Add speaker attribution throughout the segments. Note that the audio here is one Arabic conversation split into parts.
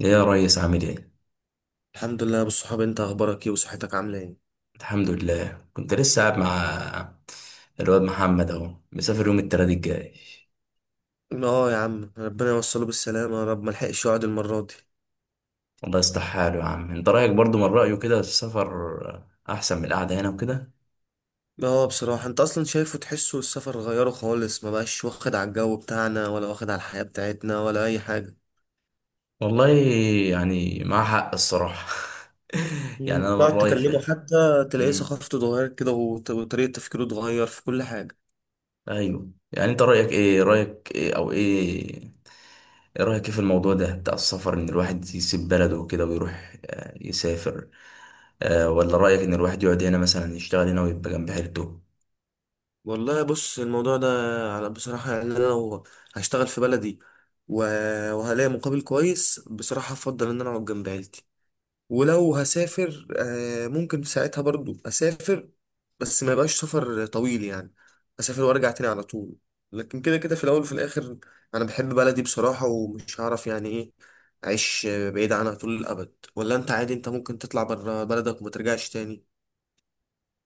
Speaker 1: ايه يا ريس، عامل ايه؟
Speaker 2: الحمد لله يا ابو الصحاب، انت اخبارك ايه وصحتك عامله ايه؟
Speaker 1: الحمد لله. كنت لسه قاعد مع الواد محمد، اهو مسافر يوم التلات الجاي.
Speaker 2: اه يا عم، ربنا يوصله بالسلامه يا رب. ما لحقش يقعد المره دي.
Speaker 1: والله يصلح حاله يا عم. انت رايك برضو من رايه كده؟ السفر احسن من القعده هنا وكده؟
Speaker 2: اه بصراحه، انت اصلا شايفه، تحسه السفر غيره خالص. ما بقاش واخد على الجو بتاعنا ولا واخد على الحياه بتاعتنا ولا اي حاجه.
Speaker 1: والله، يعني مع حق الصراحه. يعني انا من
Speaker 2: تقعد
Speaker 1: رايي
Speaker 2: تكلمه
Speaker 1: فعلا.
Speaker 2: حتى تلاقيه
Speaker 1: امم
Speaker 2: ثقافته اتغيرت كده، وطريقه تفكيره اتغير في كل حاجه.
Speaker 1: ايوه، يعني انت رايك ايه او ايه؟ رايك ايه في الموضوع ده بتاع السفر، ان الواحد يسيب بلده وكده ويروح يسافر؟ ولا رأيك إن الواحد يقعد هنا مثلا يشتغل هنا ويبقى جنب عيلته؟
Speaker 2: والله بص، الموضوع ده بصراحه، يعني انا لو هشتغل في بلدي و- وهلاقي مقابل كويس بصراحه، افضل ان انا اقعد جنب عيلتي. ولو هسافر ممكن ساعتها برضو اسافر، بس ما يبقاش سفر طويل يعني. اسافر وارجع تاني على طول. لكن كده كده، في الاول وفي الاخر انا بحب بلدي بصراحة، ومش هعرف يعني ايه اعيش بعيد عنها طول الابد. ولا انت عادي؟ انت ممكن تطلع بره بلدك وما ترجعش تاني.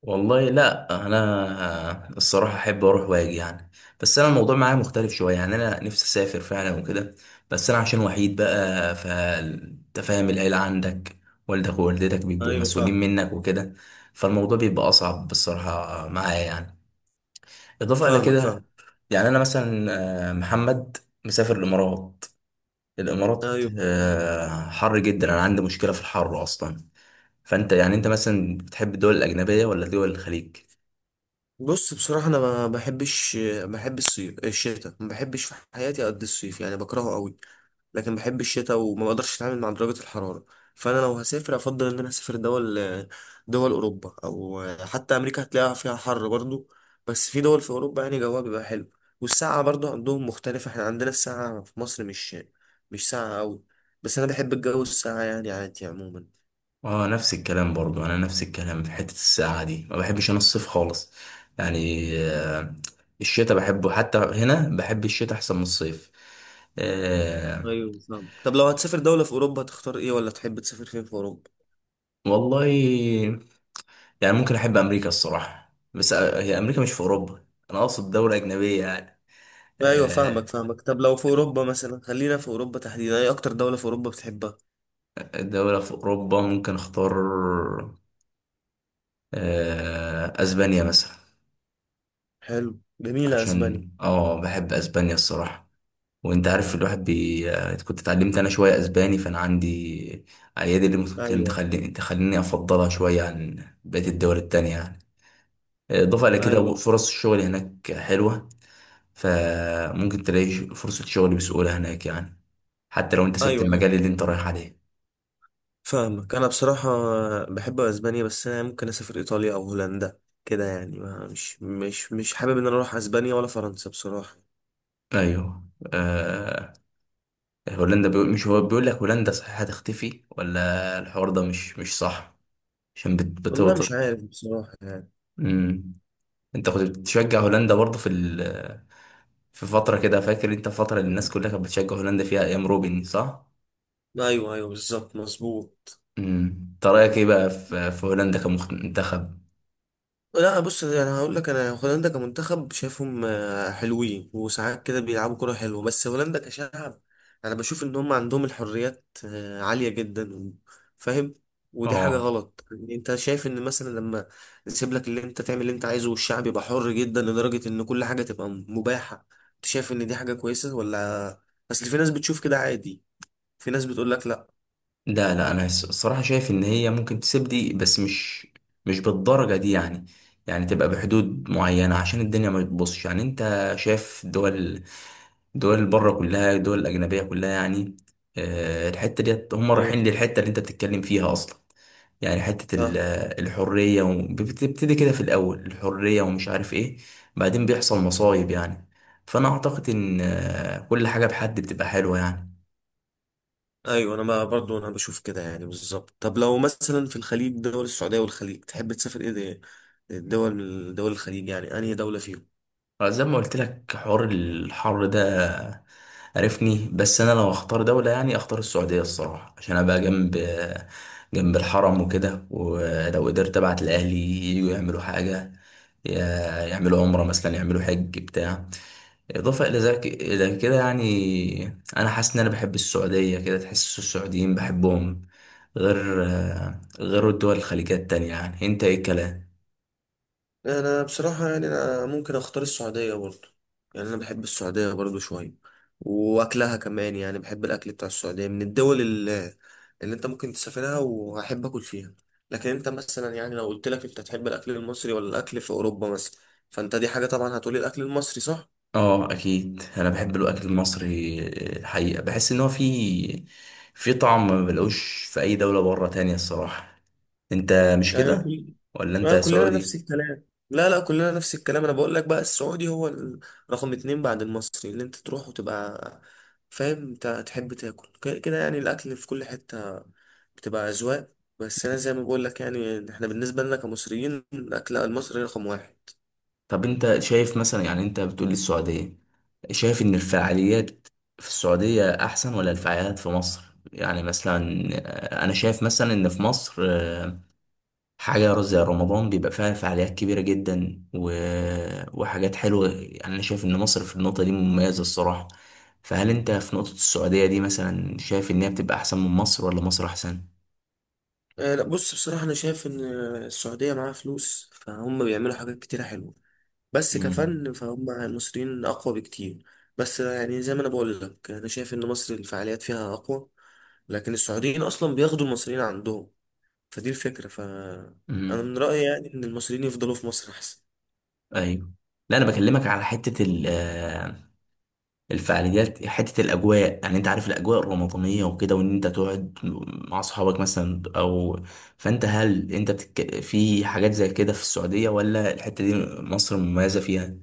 Speaker 1: والله لا، أنا الصراحة أحب أروح وأجي يعني. بس أنا الموضوع معايا مختلف شوية، يعني أنا نفسي أسافر فعلا وكده. بس أنا عشان وحيد بقى، فأنت فاهم، العيلة عندك والدك ووالدتك بيبقوا
Speaker 2: ايوه
Speaker 1: مسؤولين
Speaker 2: فاهمك.
Speaker 1: منك وكده. فالموضوع بيبقى أصعب بالصراحة معايا يعني. إضافة إلى
Speaker 2: فاهمك
Speaker 1: كده،
Speaker 2: فاهم.
Speaker 1: يعني أنا مثلا محمد مسافر الإمارات. الإمارات
Speaker 2: ايوه
Speaker 1: حر جدا، أنا عندي مشكلة في الحر أصلا. فانت يعني انت مثلا بتحب الدول الاجنبيه ولا دول الخليج؟
Speaker 2: بص، بصراحة أنا ما بحبش. بحب الصيف؟ الشتاء ما بحبش في حياتي قد الصيف يعني، بكرهه قوي. لكن بحب الشتاء، وما بقدرش أتعامل مع درجة الحرارة. فأنا لو هسافر أفضل إن أنا أسافر دول أوروبا، أو حتى أمريكا هتلاقيها فيها حر برضو. بس في دول في أوروبا يعني جوها بيبقى حلو. والساعة برضو عندهم مختلفة، إحنا عندنا الساعة في مصر مش ساعة قوي. بس أنا بحب الجو، الساعة يعني عادي عموما.
Speaker 1: اه، نفس الكلام برضو. انا نفس الكلام، في حته السقعه دي ما بحبش، انا الصيف خالص. يعني الشتاء بحبه، حتى هنا بحب الشتاء احسن من الصيف. آه.
Speaker 2: ايوه فاهم. طب لو هتسافر دولة في أوروبا هتختار إيه؟ ولا تحب تسافر فين في أوروبا؟
Speaker 1: والله يعني ممكن احب امريكا الصراحه، بس هي امريكا مش في اوروبا. انا اقصد دوله اجنبيه يعني.
Speaker 2: ايوه فاهمك
Speaker 1: آه.
Speaker 2: فاهمك. طب لو في اوروبا مثلا، خلينا في اوروبا تحديدا، ايه اكتر دولة في اوروبا بتحبها؟
Speaker 1: دوله في اوروبا ممكن اختار، اسبانيا مثلا.
Speaker 2: حلو، جميلة اسبانيا.
Speaker 1: عشان بحب اسبانيا الصراحه. وانت عارف، الواحد كنت اتعلمت انا شويه اسباني، فانا عندي ايادي اللي ممكن
Speaker 2: ايوه
Speaker 1: تخليني افضلها شويه عن بقيه الدول التانية يعني. اضافه الى كده،
Speaker 2: ايوه.
Speaker 1: فرص الشغل هناك حلوه. فممكن تلاقي فرصه شغل بسهوله هناك يعني، حتى لو انت سبت
Speaker 2: ايوه ايوه
Speaker 1: المجال اللي انت رايح عليه.
Speaker 2: فاهمك. انا بصراحة بحب اسبانيا، بس انا ممكن اسافر ايطاليا او هولندا كده يعني. ما مش حابب ان انا اروح اسبانيا ولا فرنسا بصراحة.
Speaker 1: ايوه. آه... هولندا بيقول، مش هو بيقول لك هولندا صحيح هتختفي، ولا الحوار ده مش صح؟ عشان
Speaker 2: والله
Speaker 1: بتوطد.
Speaker 2: مش عارف بصراحة يعني.
Speaker 1: انت كنت بتشجع هولندا برضه في فترة كده، فاكر انت الفترة اللي الناس كلها كانت بتشجع هولندا فيها ايام روبن، صح؟
Speaker 2: ايوه ايوه، بالظبط مظبوط.
Speaker 1: امم انت رأيك ايه بقى في هولندا كمنتخب؟
Speaker 2: لا بص، انا هقول لك، انا هولندا كمنتخب شايفهم حلوين، وساعات كده بيلعبوا كرة حلوة. بس هولندا كشعب، انا بشوف ان هم عندهم الحريات عالية جدا. فاهم. ودي حاجة
Speaker 1: اه.
Speaker 2: غلط. يعني انت شايف ان مثلا لما نسيب لك اللي انت تعمل اللي انت عايزه، والشعب يبقى حر جدا لدرجة ان كل حاجة تبقى مباحة، انت شايف ان دي حاجة كويسة ولا؟ اصل في ناس بتشوف كده عادي، في ناس بتقول لك لا.
Speaker 1: لا، لا، انا الصراحة شايف ان هي ممكن تسيب دي، بس مش بالدرجة دي يعني. يعني تبقى بحدود معينة عشان الدنيا ما تبصش. يعني انت شايف، دول بره كلها، دول الأجنبية كلها يعني الحتة ديت هم
Speaker 2: ايوه
Speaker 1: رايحين للحتة اللي انت بتتكلم فيها اصلا. يعني حتة
Speaker 2: فاهم.
Speaker 1: الحرية، وبتبتدي كده في الأول الحرية ومش عارف إيه، بعدين بيحصل مصايب يعني. فأنا أعتقد إن كل حاجة بحد بتبقى حلوة يعني.
Speaker 2: ايوه، انا ما برضو انا بشوف كده يعني، بالظبط. طب لو مثلا في الخليج، دول السعوديه والخليج، تحب تسافر ايه، ده الدول من دول الخليج، يعني انهي دوله فيهم؟
Speaker 1: زي ما قلت لك حوار الحر ده، عرفني. بس أنا لو أختار دولة يعني أختار السعودية الصراحة، عشان أبقى جنب الحرم وكده. ولو قدرت أبعت لأهلي يجوا يعملوا حاجة، يعملوا عمرة مثلا، يعملوا حج بتاع. إضافة إلى ذلك، إلى كده، يعني أنا حاسس إن أنا بحب السعودية كده، تحس السعوديين بحبهم، غير الدول الخليجية التانية يعني. أنت إيه الكلام؟
Speaker 2: انا بصراحه، يعني انا ممكن اختار السعوديه برضو. يعني انا بحب السعوديه برضو شويه، واكلها كمان. يعني بحب الاكل بتاع السعوديه، من الدول اللي انت ممكن تسافرها وهحب اكل فيها. لكن انت مثلا، يعني لو قلت لك انت تحب الاكل المصري ولا الاكل في اوروبا مثلا، فانت دي حاجه طبعا هتقولي الاكل المصري، صح؟
Speaker 1: آه، أكيد أنا بحب الأكل المصري. الحقيقة بحس إن هو فيه في طعم ما بلاقوش في أي دولة بره تانية الصراحة. أنت مش
Speaker 2: يعني
Speaker 1: كده؟ ولا أنت
Speaker 2: كلنا نفس
Speaker 1: سعودي؟
Speaker 2: الكلام. لا لا، كلنا نفس الكلام. انا بقول لك بقى، السعودي هو رقم اتنين بعد المصري، اللي انت تروح وتبقى فاهم انت تحب تاكل كده. يعني الاكل في كل حتة بتبقى اذواق، بس انا زي ما بقول لك، يعني احنا بالنسبة لنا كمصريين الاكل المصري رقم واحد.
Speaker 1: طب انت شايف مثلا، يعني انت بتقول لي السعودية، شايف ان الفعاليات في السعودية احسن ولا الفعاليات في مصر؟ يعني مثلا انا شايف مثلا ان في مصر حاجة زي رمضان بيبقى فيها فعاليات كبيرة جدا وحاجات حلوة. يعني انا شايف ان مصر في النقطة دي مميزة الصراحة. فهل انت في نقطة السعودية دي مثلا شايف ان هي بتبقى احسن من مصر، ولا مصر احسن؟
Speaker 2: لا بص، بصراحة انا شايف ان السعودية معاها فلوس، فهم بيعملوا حاجات كتيرة حلوة. بس
Speaker 1: امم
Speaker 2: كفن فهم المصريين اقوى بكتير. بس يعني زي ما انا بقول لك، انا شايف ان مصر الفعاليات فيها اقوى، لكن السعوديين اصلا بياخدوا المصريين عندهم. فدي الفكره. انا
Speaker 1: امم
Speaker 2: من رايي يعني، ان المصريين يفضلوا في مصر احسن.
Speaker 1: ايوه. لا، انا بكلمك على حتة الفعاليات، حتة الأجواء. يعني أنت عارف الأجواء الرمضانية وكده، وإن أنت تقعد مع أصحابك مثلا أو... هل أنت في حاجات زي كده في السعودية، ولا الحتة دي مصر مميزة فيها؟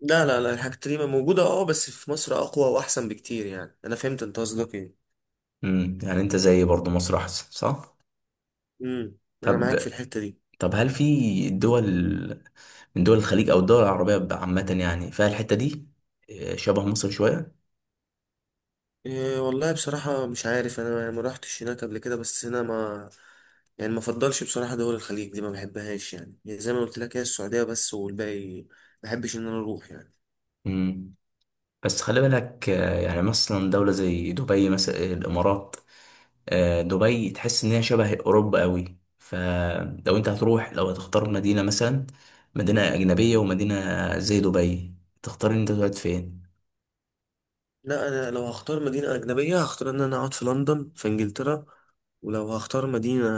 Speaker 2: لا لا لا، الحاجات دي موجوده اه، بس في مصر اقوى واحسن بكتير. يعني انا فهمت انت قصدك ايه.
Speaker 1: يعني أنت زي برضو، مصر أحسن صح؟
Speaker 2: امم. انا معاك في
Speaker 1: طب
Speaker 2: الحته دي.
Speaker 1: طب هل في دول من دول الخليج أو الدول العربية عامة يعني فيها الحتة دي شبه مصر شوية؟
Speaker 2: إيه والله بصراحة مش عارف أنا، يعني ما روحتش هناك قبل كده، بس أنا ما يعني ما فضلش بصراحة. دول الخليج دي ما بحبهاش يعني. يعني زي ما قلت لك، هي السعودية بس، والباقي ما بحبش إن أنا أروح يعني.
Speaker 1: امم بس خلي بالك يعني مثلا دولة زي دبي مثلا، الإمارات. دبي تحس إن هي شبه أوروبا أوي. فلو أنت هتروح، لو هتختار مدينة مثلا، مدينة أجنبية ومدينة زي دبي، تختار إن أنت تقعد فين؟
Speaker 2: لا أنا لو هختار مدينة أجنبية هختار إن أنا أقعد في لندن في إنجلترا. ولو هختار مدينة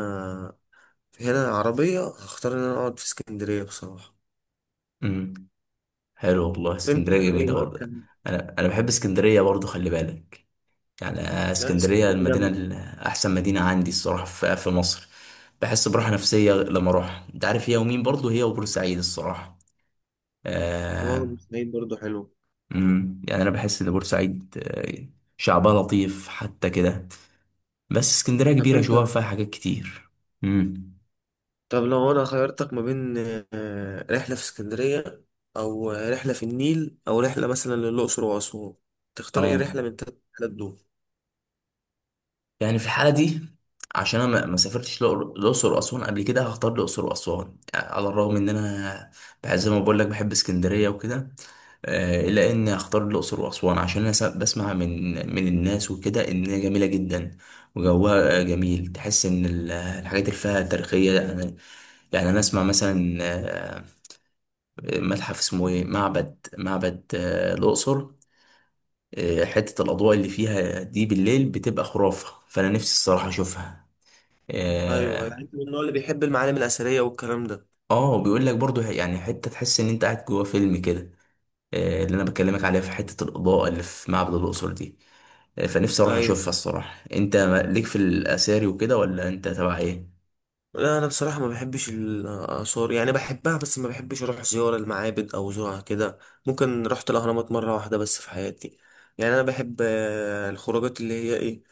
Speaker 2: هنا عربية هختار إن أنا أقعد في اسكندرية بصراحة.
Speaker 1: امم حلو والله،
Speaker 2: أنت
Speaker 1: اسكندرية
Speaker 2: يعني
Speaker 1: جميلة
Speaker 2: إيه بقى
Speaker 1: برضه.
Speaker 2: كان؟
Speaker 1: أنا بحب اسكندرية برضه خلي بالك. يعني
Speaker 2: لا،
Speaker 1: اسكندرية
Speaker 2: اسكندرية
Speaker 1: المدينة
Speaker 2: جامدة.
Speaker 1: أحسن مدينة عندي الصراحة في مصر. بحس براحة نفسية لما أروح. أنت عارف، هي ومين برضه، هي وبورسعيد الصراحة.
Speaker 2: والله
Speaker 1: آه،
Speaker 2: بورسعيد برضه حلو.
Speaker 1: يعني انا بحس ان بورسعيد شعبها لطيف حتى كده. بس اسكندريه
Speaker 2: طب
Speaker 1: كبيره شويه،
Speaker 2: أنت.
Speaker 1: فيها حاجات كتير. امم
Speaker 2: طب لو انا خيرتك ما بين رحلة في اسكندرية، او رحلة في النيل، او رحلة مثلا للأقصر وأسوان، تختار ايه
Speaker 1: اه،
Speaker 2: رحلة من التلات رحلات دول؟
Speaker 1: يعني في الحاله دي، عشان انا ما سافرتش الاقصر واسوان قبل كده، هختار الاقصر واسوان. يعني على الرغم ان انا زي ما بقول لك بحب اسكندريه وكده، الا ان اختار الاقصر واسوان عشان انا بسمع من الناس وكده ان هي جميله جدا وجوها جميل. تحس ان الحاجات اللي فيها تاريخيه يعني. يعني انا اسمع مثلا متحف اسمه ايه، معبد الأقصر. حتة الأضواء اللي فيها دي بالليل بتبقى خرافة، فأنا نفسي الصراحة أشوفها.
Speaker 2: ايوه، يعني
Speaker 1: اه.
Speaker 2: انت من النوع اللي بيحب المعالم الأثرية والكلام ده.
Speaker 1: بيقول لك برضو، يعني حتة تحس إن أنت قاعد جوا فيلم كده. اللي أنا بكلمك عليها، في حتة الإضاءة اللي في معبد الأقصر دي. فنفسي أروح
Speaker 2: ايوه.
Speaker 1: أشوفها الصراحة. أنت ليك في الأثاري وكده، ولا أنت تبع إيه؟
Speaker 2: لا انا بصراحة ما بحبش الآثار. يعني بحبها، بس ما بحبش اروح زيارة المعابد او زورها كده. ممكن رحت الأهرامات مرة واحدة بس في حياتي. يعني انا بحب الخروجات، اللي هي ايه،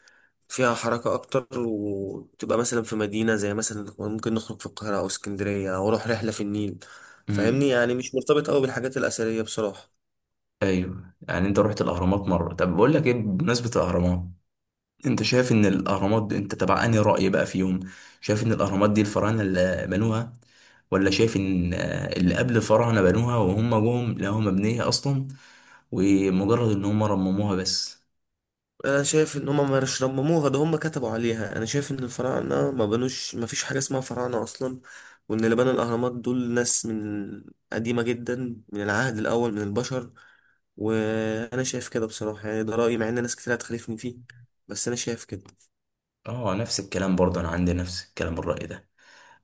Speaker 2: فيها حركة أكتر، وتبقى مثلا في مدينة، زي مثلا ممكن نخرج في القاهرة أو اسكندرية أو أروح رحلة في النيل. فاهمني
Speaker 1: مم.
Speaker 2: يعني، مش مرتبط أوي بالحاجات الأثرية بصراحة.
Speaker 1: أيوه، يعني أنت رحت الأهرامات مرة. طب بقول لك إيه، بمناسبة الأهرامات، انت شايف ان الاهرامات دي انت تبع انهي رأي بقى فيهم؟ شايف ان الاهرامات دي الفراعنه اللي بنوها، ولا شايف ان اللي قبل الفراعنه بنوها، وهم جم لقوها مبنيه اصلا، ومجرد ان هم رمموها بس؟
Speaker 2: أنا شايف إن هما ما مش رمموها، ده هما كتبوا عليها. أنا شايف إن الفراعنة ما بنوش، ما فيش حاجة اسمها فراعنة أصلا. وإن اللي بنى الأهرامات دول ناس من قديمة جدا، من العهد الأول من البشر. وأنا شايف كده بصراحة، يعني ده رأيي، مع إن ناس كتير هتخالفني فيه، بس أنا شايف كده.
Speaker 1: اه، نفس الكلام برضه. انا عندي نفس الكلام، الرأي ده.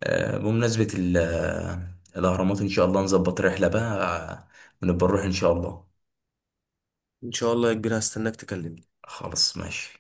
Speaker 1: بمناسبة الاهرامات، ان شاء الله نظبط رحلة بقى، ونبقى نروح ان شاء الله.
Speaker 2: إن شاء الله يا كبير، هستناك تكلمني.
Speaker 1: خلاص ماشي.